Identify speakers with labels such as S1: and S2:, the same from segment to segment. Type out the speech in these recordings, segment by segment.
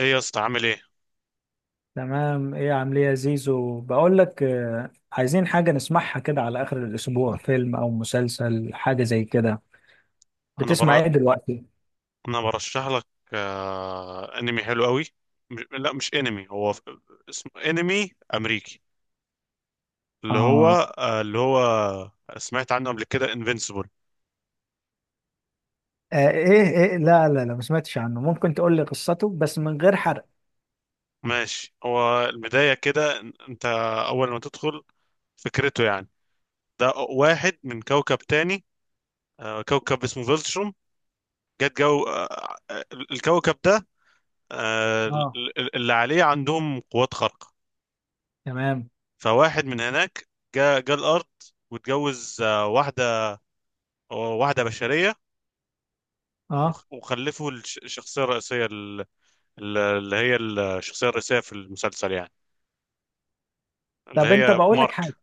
S1: ايه يا اسطى، عامل ايه؟
S2: تمام، ايه عامل ايه يا زيزو؟ بقول لك، عايزين حاجة نسمعها كده على آخر الأسبوع، فيلم أو مسلسل حاجة زي كده.
S1: انا
S2: بتسمع
S1: بر...
S2: ايه دلوقتي؟
S1: انا برشح لك. انمي حلو قوي. مش... لا، مش انمي، اسمه انمي امريكي، اللي هو،
S2: آه.
S1: آه... اللي هو سمعت عنه قبل كده، انفينسيبل.
S2: آه، ايه ايه، لا لا لا، ما سمعتش عنه، ممكن تقول لي قصته بس من غير حرق؟
S1: ماشي، هو البداية كده، انت اول ما تدخل فكرته، يعني ده واحد من كوكب تاني. كوكب اسمه فيلتروم. جت جو آه... آه، الكوكب ده،
S2: اه
S1: اللي عليه عندهم قوات خارقة.
S2: تمام.
S1: فواحد من هناك جاء الارض، واتجوز واحده بشريه.
S2: اه،
S1: وخلفوا الشخصيه الرئيسيه، اللي هي الشخصيه الرئيسيه في المسلسل، يعني اللي
S2: طب انت،
S1: هي
S2: بقول لك حاجة.
S1: مارك.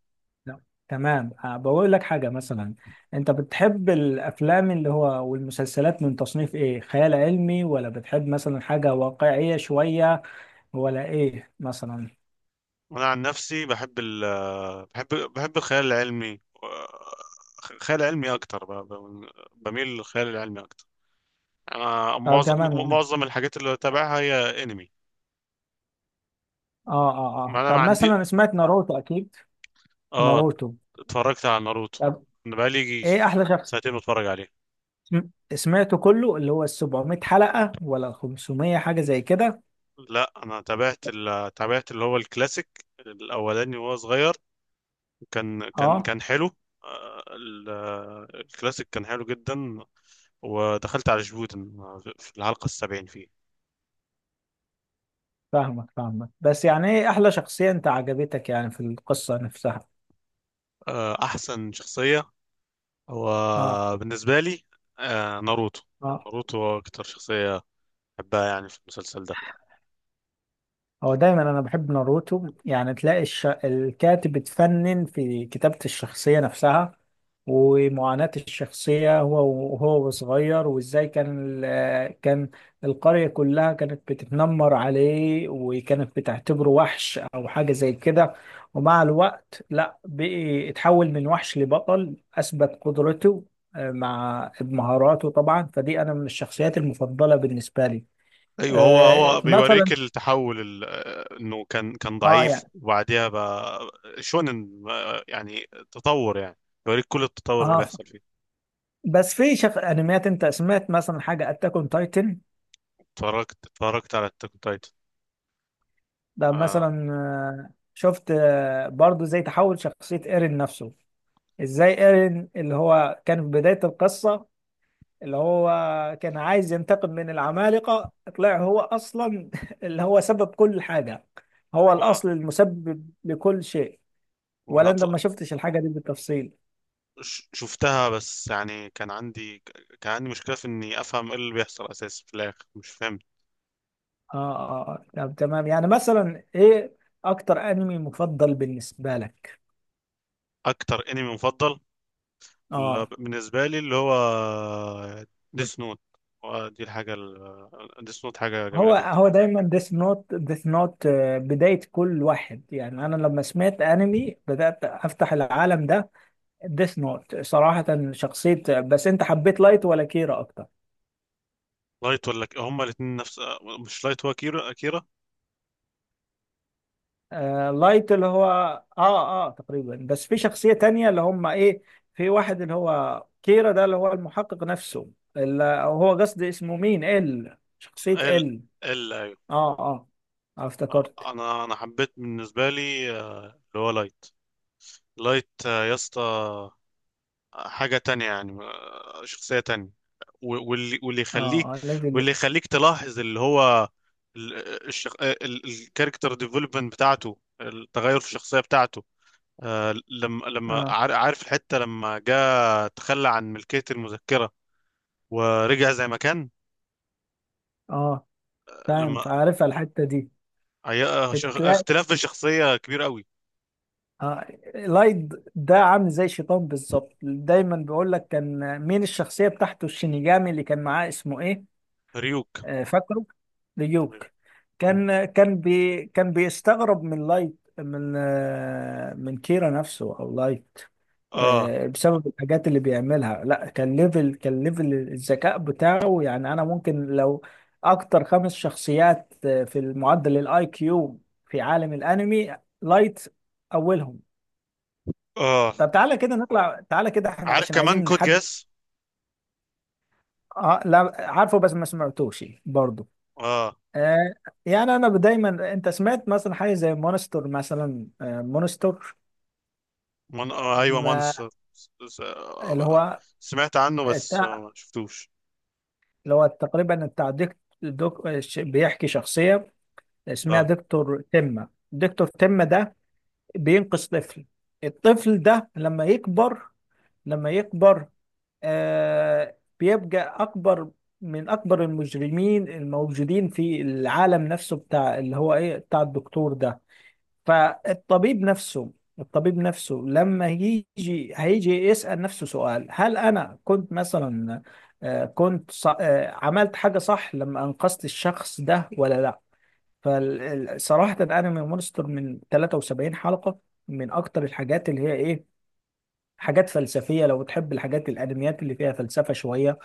S2: لا. تمام، بقول لك حاجة مثلا، انت بتحب الافلام اللي هو والمسلسلات من تصنيف ايه؟ خيال علمي ولا بتحب مثلا حاجة واقعية شوية، ولا ايه مثلا؟
S1: وانا عن نفسي بحب ال آه، بحب الخيال العلمي، خيال علمي اكتر، بميل للخيال العلمي اكتر. انا
S2: اه تمام يعني.
S1: معظم الحاجات اللي بتابعها هي انمي.
S2: اه اه
S1: ما
S2: اه،
S1: انا ما
S2: طب
S1: عندي.
S2: مثلا سمعت ناروتو اكيد.
S1: اه.
S2: ناروتو.
S1: اتفرجت على ناروتو.
S2: طب
S1: انا بقالي يجي
S2: ايه احلى شخص؟
S1: سنتين بتفرج عليه.
S2: سمعته كله، اللي هو ال 700 حلقة ولا 500 حاجة زي كده؟
S1: لا، انا تابعت اللي هو الكلاسيك الاولاني وهو صغير. كان كان
S2: اه،
S1: كان حلو. الكلاسيك كان حلو جدا. ودخلت على جبوتن في الحلقة السبعين فيه.
S2: فاهمك فاهمك، بس يعني ايه احلى شخصية انت عجبتك يعني في القصة نفسها؟
S1: احسن شخصية هو
S2: اه
S1: بالنسبة لي، ناروتو.
S2: اه.
S1: ناروتو هو اكتر شخصية بحبها، يعني في المسلسل ده.
S2: هو دايما انا بحب ناروتو يعني، تلاقي الكاتب اتفنن في كتابة الشخصية نفسها، ومعاناة الشخصية هو وهو صغير، وازاي كان القرية كلها كانت بتتنمر عليه وكانت بتعتبره وحش او حاجة زي كده، ومع الوقت لا، بقي اتحول من وحش لبطل، اثبت قدرته مع مهاراته طبعا، فدي انا من الشخصيات المفضلة بالنسبة لي.
S1: ايوه، هو هو بيوريك
S2: مثلا.
S1: التحول، انه كان
S2: اه
S1: ضعيف،
S2: يعني.
S1: وبعديها بقى شونن، يعني تطور، يعني بيوريك كل التطور اللي
S2: اه،
S1: بيحصل فيه.
S2: بس في انميات، انت سمعت مثلا حاجه اتاك اون تايتن؟
S1: اتفرجت على التاك تايتن.
S2: ده
S1: اه،
S2: مثلا، شفت برضو زي تحول شخصيه ايرين نفسه، ازاي ايرين اللي هو كان في بدايه القصه اللي هو كان عايز ينتقم من العمالقه، طلع هو اصلا اللي هو سبب كل حاجه، هو الاصل
S1: اه.
S2: المسبب لكل شيء.
S1: وانا
S2: ولا انت ما شفتش الحاجه دي بالتفصيل؟
S1: شفتها، بس يعني كان عندي مشكله في اني افهم ايه اللي بيحصل اساسا، في الاخر مش فاهم.
S2: اه اه آه. طب تمام، يعني مثلا ايه اكتر انمي مفضل بالنسبه لك؟
S1: اكتر انمي مفضل
S2: اه.
S1: بالنسبه لي اللي هو ديس نوت. دي الحاجه، ديس نوت حاجه جميله
S2: هو
S1: جدا.
S2: هو دايما ديث نوت ديث نوت، بداية كل واحد. يعني أنا لما سمعت أنمي بدأت أفتح العالم ده، ديث نوت صراحة شخصية. بس أنت حبيت لايت ولا كيرا أكتر؟
S1: لايت ولا هما الاثنين نفس، مش لايت، هو كيرا، كيرا.
S2: آه، لايت اللي هو. آه آه، تقريبا. بس في شخصية تانية اللي هم إيه، في واحد اللي هو كيرا ده، اللي هو المحقق نفسه، اللي هو قصدي اسمه مين، ال
S1: ال
S2: شخصية ال.
S1: ال ايوه.
S2: آه آه. آه،
S1: آه،
S2: افتكرت.
S1: انا انا حبيت بالنسبه لي، اللي هو لايت. لايت، يا اسطى، حاجه تانية يعني، شخصيه تانية، و- واللي واللي
S2: آه
S1: يخليك
S2: آه،
S1: واللي
S2: ليفل.
S1: يخليك تلاحظ اللي هو، ال- الكاركتر ديفلوبمنت بتاعته، التغير في الشخصيه بتاعته. لما
S2: آه
S1: عارف الحته، لما جاء تخلى عن ملكيه المذكره، ورجع زي ما كان.
S2: آه، فاهم،
S1: لما
S2: فعارفها الحتة دي.
S1: هي
S2: تلاقي.
S1: اختلاف في الشخصية كبير قوي.
S2: آه، لايد ده عامل زي شيطان بالظبط، دايما بيقول لك. كان مين الشخصية بتاعته الشينيجامي اللي كان معاه، اسمه ايه؟
S1: ريوك.
S2: آه، فاكره. ليوك. كان بيستغرب من لايت، من كيرا نفسه او لايت،
S1: اه،
S2: بسبب الحاجات اللي بيعملها. لا، كان ليفل الذكاء بتاعه، يعني انا ممكن لو اكتر خمس شخصيات في المعدل الاي كيو في عالم الانمي، لايت اولهم.
S1: اه.
S2: طب تعالى كده نطلع، تعالى كده احنا،
S1: عارف
S2: عشان
S1: كمان
S2: عايزين
S1: كود
S2: نحدد.
S1: جاس.
S2: اه لا، عارفه بس ما سمعتوش برضه.
S1: اه.
S2: آه، يعني انا دايما، انت سمعت مثلا حاجه زي مونستر مثلا، مونستر،
S1: من... آه ايوه،
S2: ما
S1: مانس، س- س-
S2: اللي
S1: آه،
S2: هو
S1: سمعت عنه بس،
S2: التع-
S1: ما شفتوش.
S2: اللي هو تقريبا بتاع ديك دوك، بيحكي شخصيه اسمها
S1: اه.
S2: دكتور تمه، دكتور تمه ده بينقذ طفل، الطفل ده لما يكبر، لما يكبر بيبقى اكبر من اكبر المجرمين الموجودين في العالم نفسه، بتاع اللي هو ايه بتاع الدكتور ده. فالطبيب نفسه، الطبيب نفسه لما يجي، هيجي يسأل نفسه سؤال، هل أنا كنت مثلا آه، كنت ص- آه، عملت حاجة صح لما أنقذت الشخص ده، ولا لا؟ فصراحة أنمي مونستر، من 73 حلقة، من أكتر الحاجات اللي هي إيه، حاجات فلسفية. لو بتحب الحاجات، الأنميات اللي فيها فلسفة شوية،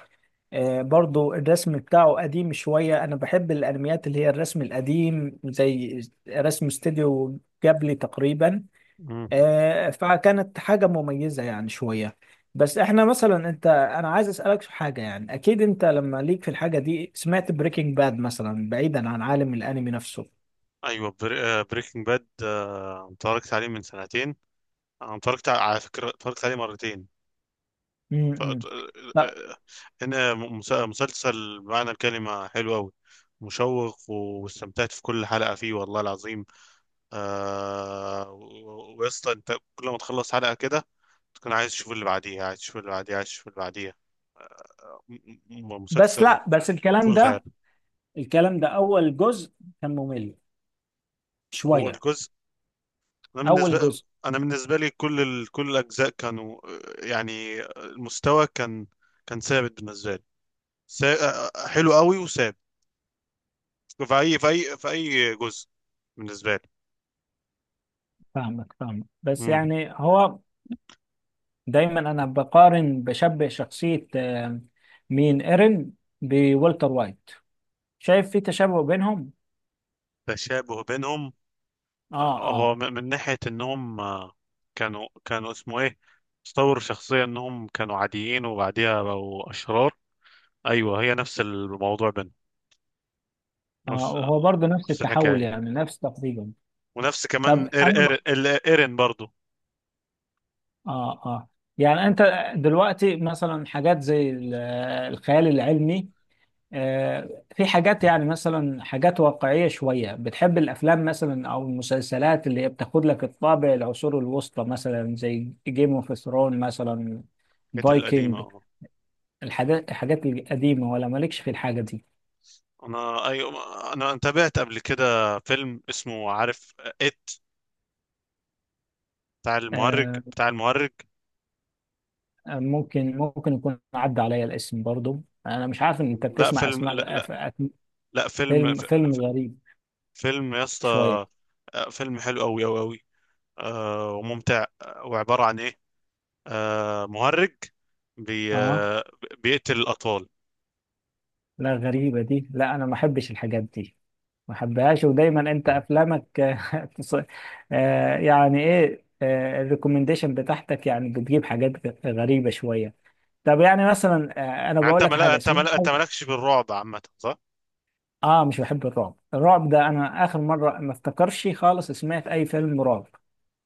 S2: برضو الرسم بتاعه قديم شوية، أنا بحب الأنميات اللي هي الرسم القديم زي رسم استوديو جابلي تقريبا،
S1: مم.
S2: فكانت حاجة مميزة يعني شوية. بس احنا مثلا انا عايز اسألك في حاجة، يعني اكيد انت لما ليك في الحاجة دي، سمعت بريكنج باد مثلا بعيدا عن عالم الانمي نفسه؟
S1: ايوه، بريكنج باد، اتفرجت عليه من سنتين. انا اتفرجت على، على فكرة اتفرجت عليه مرتين. ف... آه،
S2: امم. لا،
S1: آه، هنا مسلسل بمعنى الكلمة حلو قوي، مشوق، واستمتعت في كل حلقة فيه والله العظيم. ويا اسطى، انت كل ما تخلص حلقة كده، تكون عايز تشوف اللي بعديها، عايز تشوف اللي بعديها، عايز تشوف اللي بعديها.
S2: بس
S1: مسلسل
S2: لا بس
S1: فوق الخيال.
S2: الكلام ده اول جزء كان ممل
S1: هو
S2: شوية،
S1: الجزء انا
S2: اول
S1: بالنسبة
S2: جزء.
S1: انا بالنسبة لي كل الاجزاء كانوا، يعني، المستوى كان ثابت بالنسبة لي. سا... آه، آه، حلو قوي وثابت، في اي جزء بالنسبة لي.
S2: فاهمك فاهمك، بس
S1: مم.
S2: يعني هو. دايما انا بقارن، بشبه شخصية مين، ايرين، بولتر وايت، شايف في تشابه بينهم.
S1: تشابه بينهم.
S2: اه
S1: هو،
S2: آه.
S1: من ناحية انهم، كانوا، اسمه ايه، استوروا شخصية انهم كانوا عاديين، وبعديها بقوا اشرار. ايوه، هي نفس الموضوع بينهم،
S2: اه،
S1: نفس
S2: وهو
S1: آه،
S2: برضه نفس
S1: نفس
S2: التحول،
S1: الحكاية،
S2: يعني نفس تقريبا.
S1: ونفس
S2: طب
S1: كمان،
S2: انا
S1: ايرين برضو.
S2: اه اه. يعني
S1: م،
S2: انت دلوقتي مثلا حاجات زي الخيال العلمي، في حاجات، يعني مثلا حاجات واقعية شوية، بتحب الافلام مثلا او المسلسلات اللي هي بتاخد لك الطابع العصور الوسطى، مثلا زي جيم اوف ثرون مثلا،
S1: كانت القديمة.
S2: فايكنج،
S1: اه.
S2: الحاجات القديمة، ولا مالكش في الحاجة دي؟
S1: انا، ايوه، انا تابعت قبل كده فيلم اسمه، عارف، ات بتاع المهرج،
S2: آه،
S1: بتاع المهرج.
S2: ممكن يكون عدى عليا الاسم برضو، انا مش عارف ان انت
S1: لا،
S2: بتسمع
S1: فيلم.
S2: اسماء
S1: لا، لا. لا،
S2: فيلم غريب
S1: فيلم يا اسطى.
S2: شويه.
S1: فيلم حلو قوي قوي قوي، وممتع، وعبارة عن إيه، مهرج بي
S2: اه
S1: آه، بيقتل الأطفال.
S2: لا، غريبه دي، لا انا ما احبش الحاجات دي، ما احبهاش. ودايما انت افلامك تص- يعني ايه الريكومنديشن بتاعتك، يعني بتجيب حاجات غريبه شويه. طب يعني مثلا، انا
S1: يعني
S2: بقول لك حاجه، سمعت
S1: أنت
S2: حاجه.
S1: مالكش في الرعب عامة، صح؟
S2: اه، مش بحب الرعب. الرعب ده انا اخر مره ما افتكرش خالص سمعت اي فيلم رعب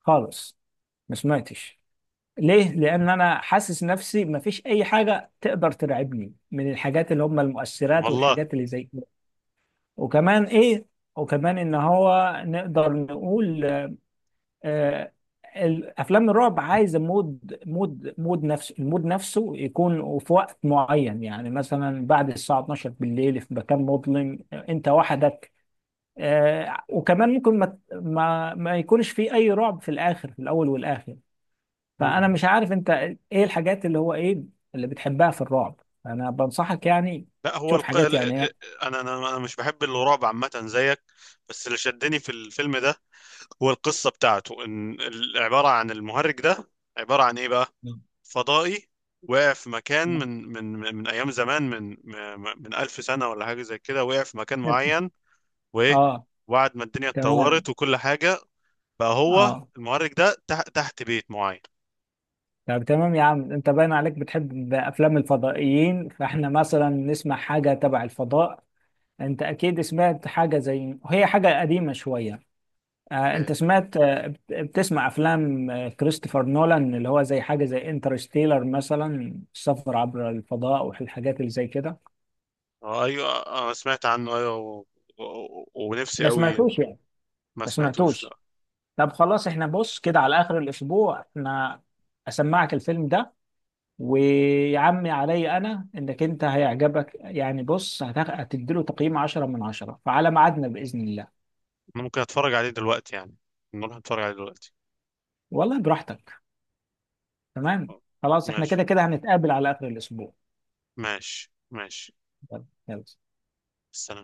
S2: خالص، ما سمعتش. ليه؟ لأن أنا حاسس نفسي مفيش أي حاجة تقدر ترعبني من الحاجات اللي هم المؤثرات
S1: والله.
S2: والحاجات اللي زي كده. وكمان إيه؟ وكمان إن هو نقدر نقول آه الأفلام الرعب عايزة مود مود مود نفسه، المود نفسه يكون في وقت معين، يعني مثلا بعد الساعة 12 بالليل في مكان مظلم، أنت وحدك، وكمان ممكن ما يكونش في أي رعب في الآخر، في الأول والآخر. فانا
S1: مم.
S2: مش عارف انت ايه الحاجات اللي هو ايه اللي بتحبها في الرعب، انا بنصحك يعني
S1: لا، هو
S2: شوف
S1: الق...
S2: حاجات
S1: ال-
S2: يعني
S1: ال-
S2: إيه.
S1: أنا مش بحب الرعب عامة زيك، بس اللي شدني في الفيلم ده هو القصة بتاعته، عبارة عن المهرج ده، عبارة عن إيه بقى؟ فضائي وقع في مكان
S2: نعم.
S1: من أيام زمان، من ألف سنة ولا حاجة زي كده، وقع في مكان معين. وايه؟
S2: اه
S1: وبعد ما الدنيا اتطورت
S2: تمام
S1: وكل حاجه، بقى هو
S2: اه.
S1: المعرج ده تحت تحت بيت معين.
S2: طب تمام يا عم، انت باين عليك بتحب افلام الفضائيين، فاحنا مثلا نسمع حاجه تبع الفضاء. انت اكيد سمعت حاجه زي، هي حاجه قديمه شويه، انت
S1: ايه.
S2: بتسمع افلام كريستوفر نولان، اللي هو زي حاجه زي انترستيلر مثلا، السفر عبر الفضاء والحاجات اللي زي كده.
S1: اه. ايوه، انا سمعت عنه، ايوه، ونفسي
S2: ما
S1: قوي.
S2: سمعتوش يعني.
S1: ما
S2: ما
S1: سمعتوش،
S2: سمعتوش.
S1: لا.
S2: طب خلاص، احنا بص كده على اخر الاسبوع، احنا اسمعك الفيلم ده، ويا عمي علي، انا انك انت هيعجبك يعني، بص هتديله تقييم 10 من 10، فعلى ميعادنا باذن الله.
S1: أنا ممكن اتفرج عليه دلوقتي يعني، نروح نتفرج عليه دلوقتي.
S2: والله براحتك. تمام.
S1: آه.
S2: خلاص احنا
S1: ماشي،
S2: كده كده هنتقابل على اخر الاسبوع.
S1: ماشي، ماشي.
S2: يلا يلا.
S1: السلام.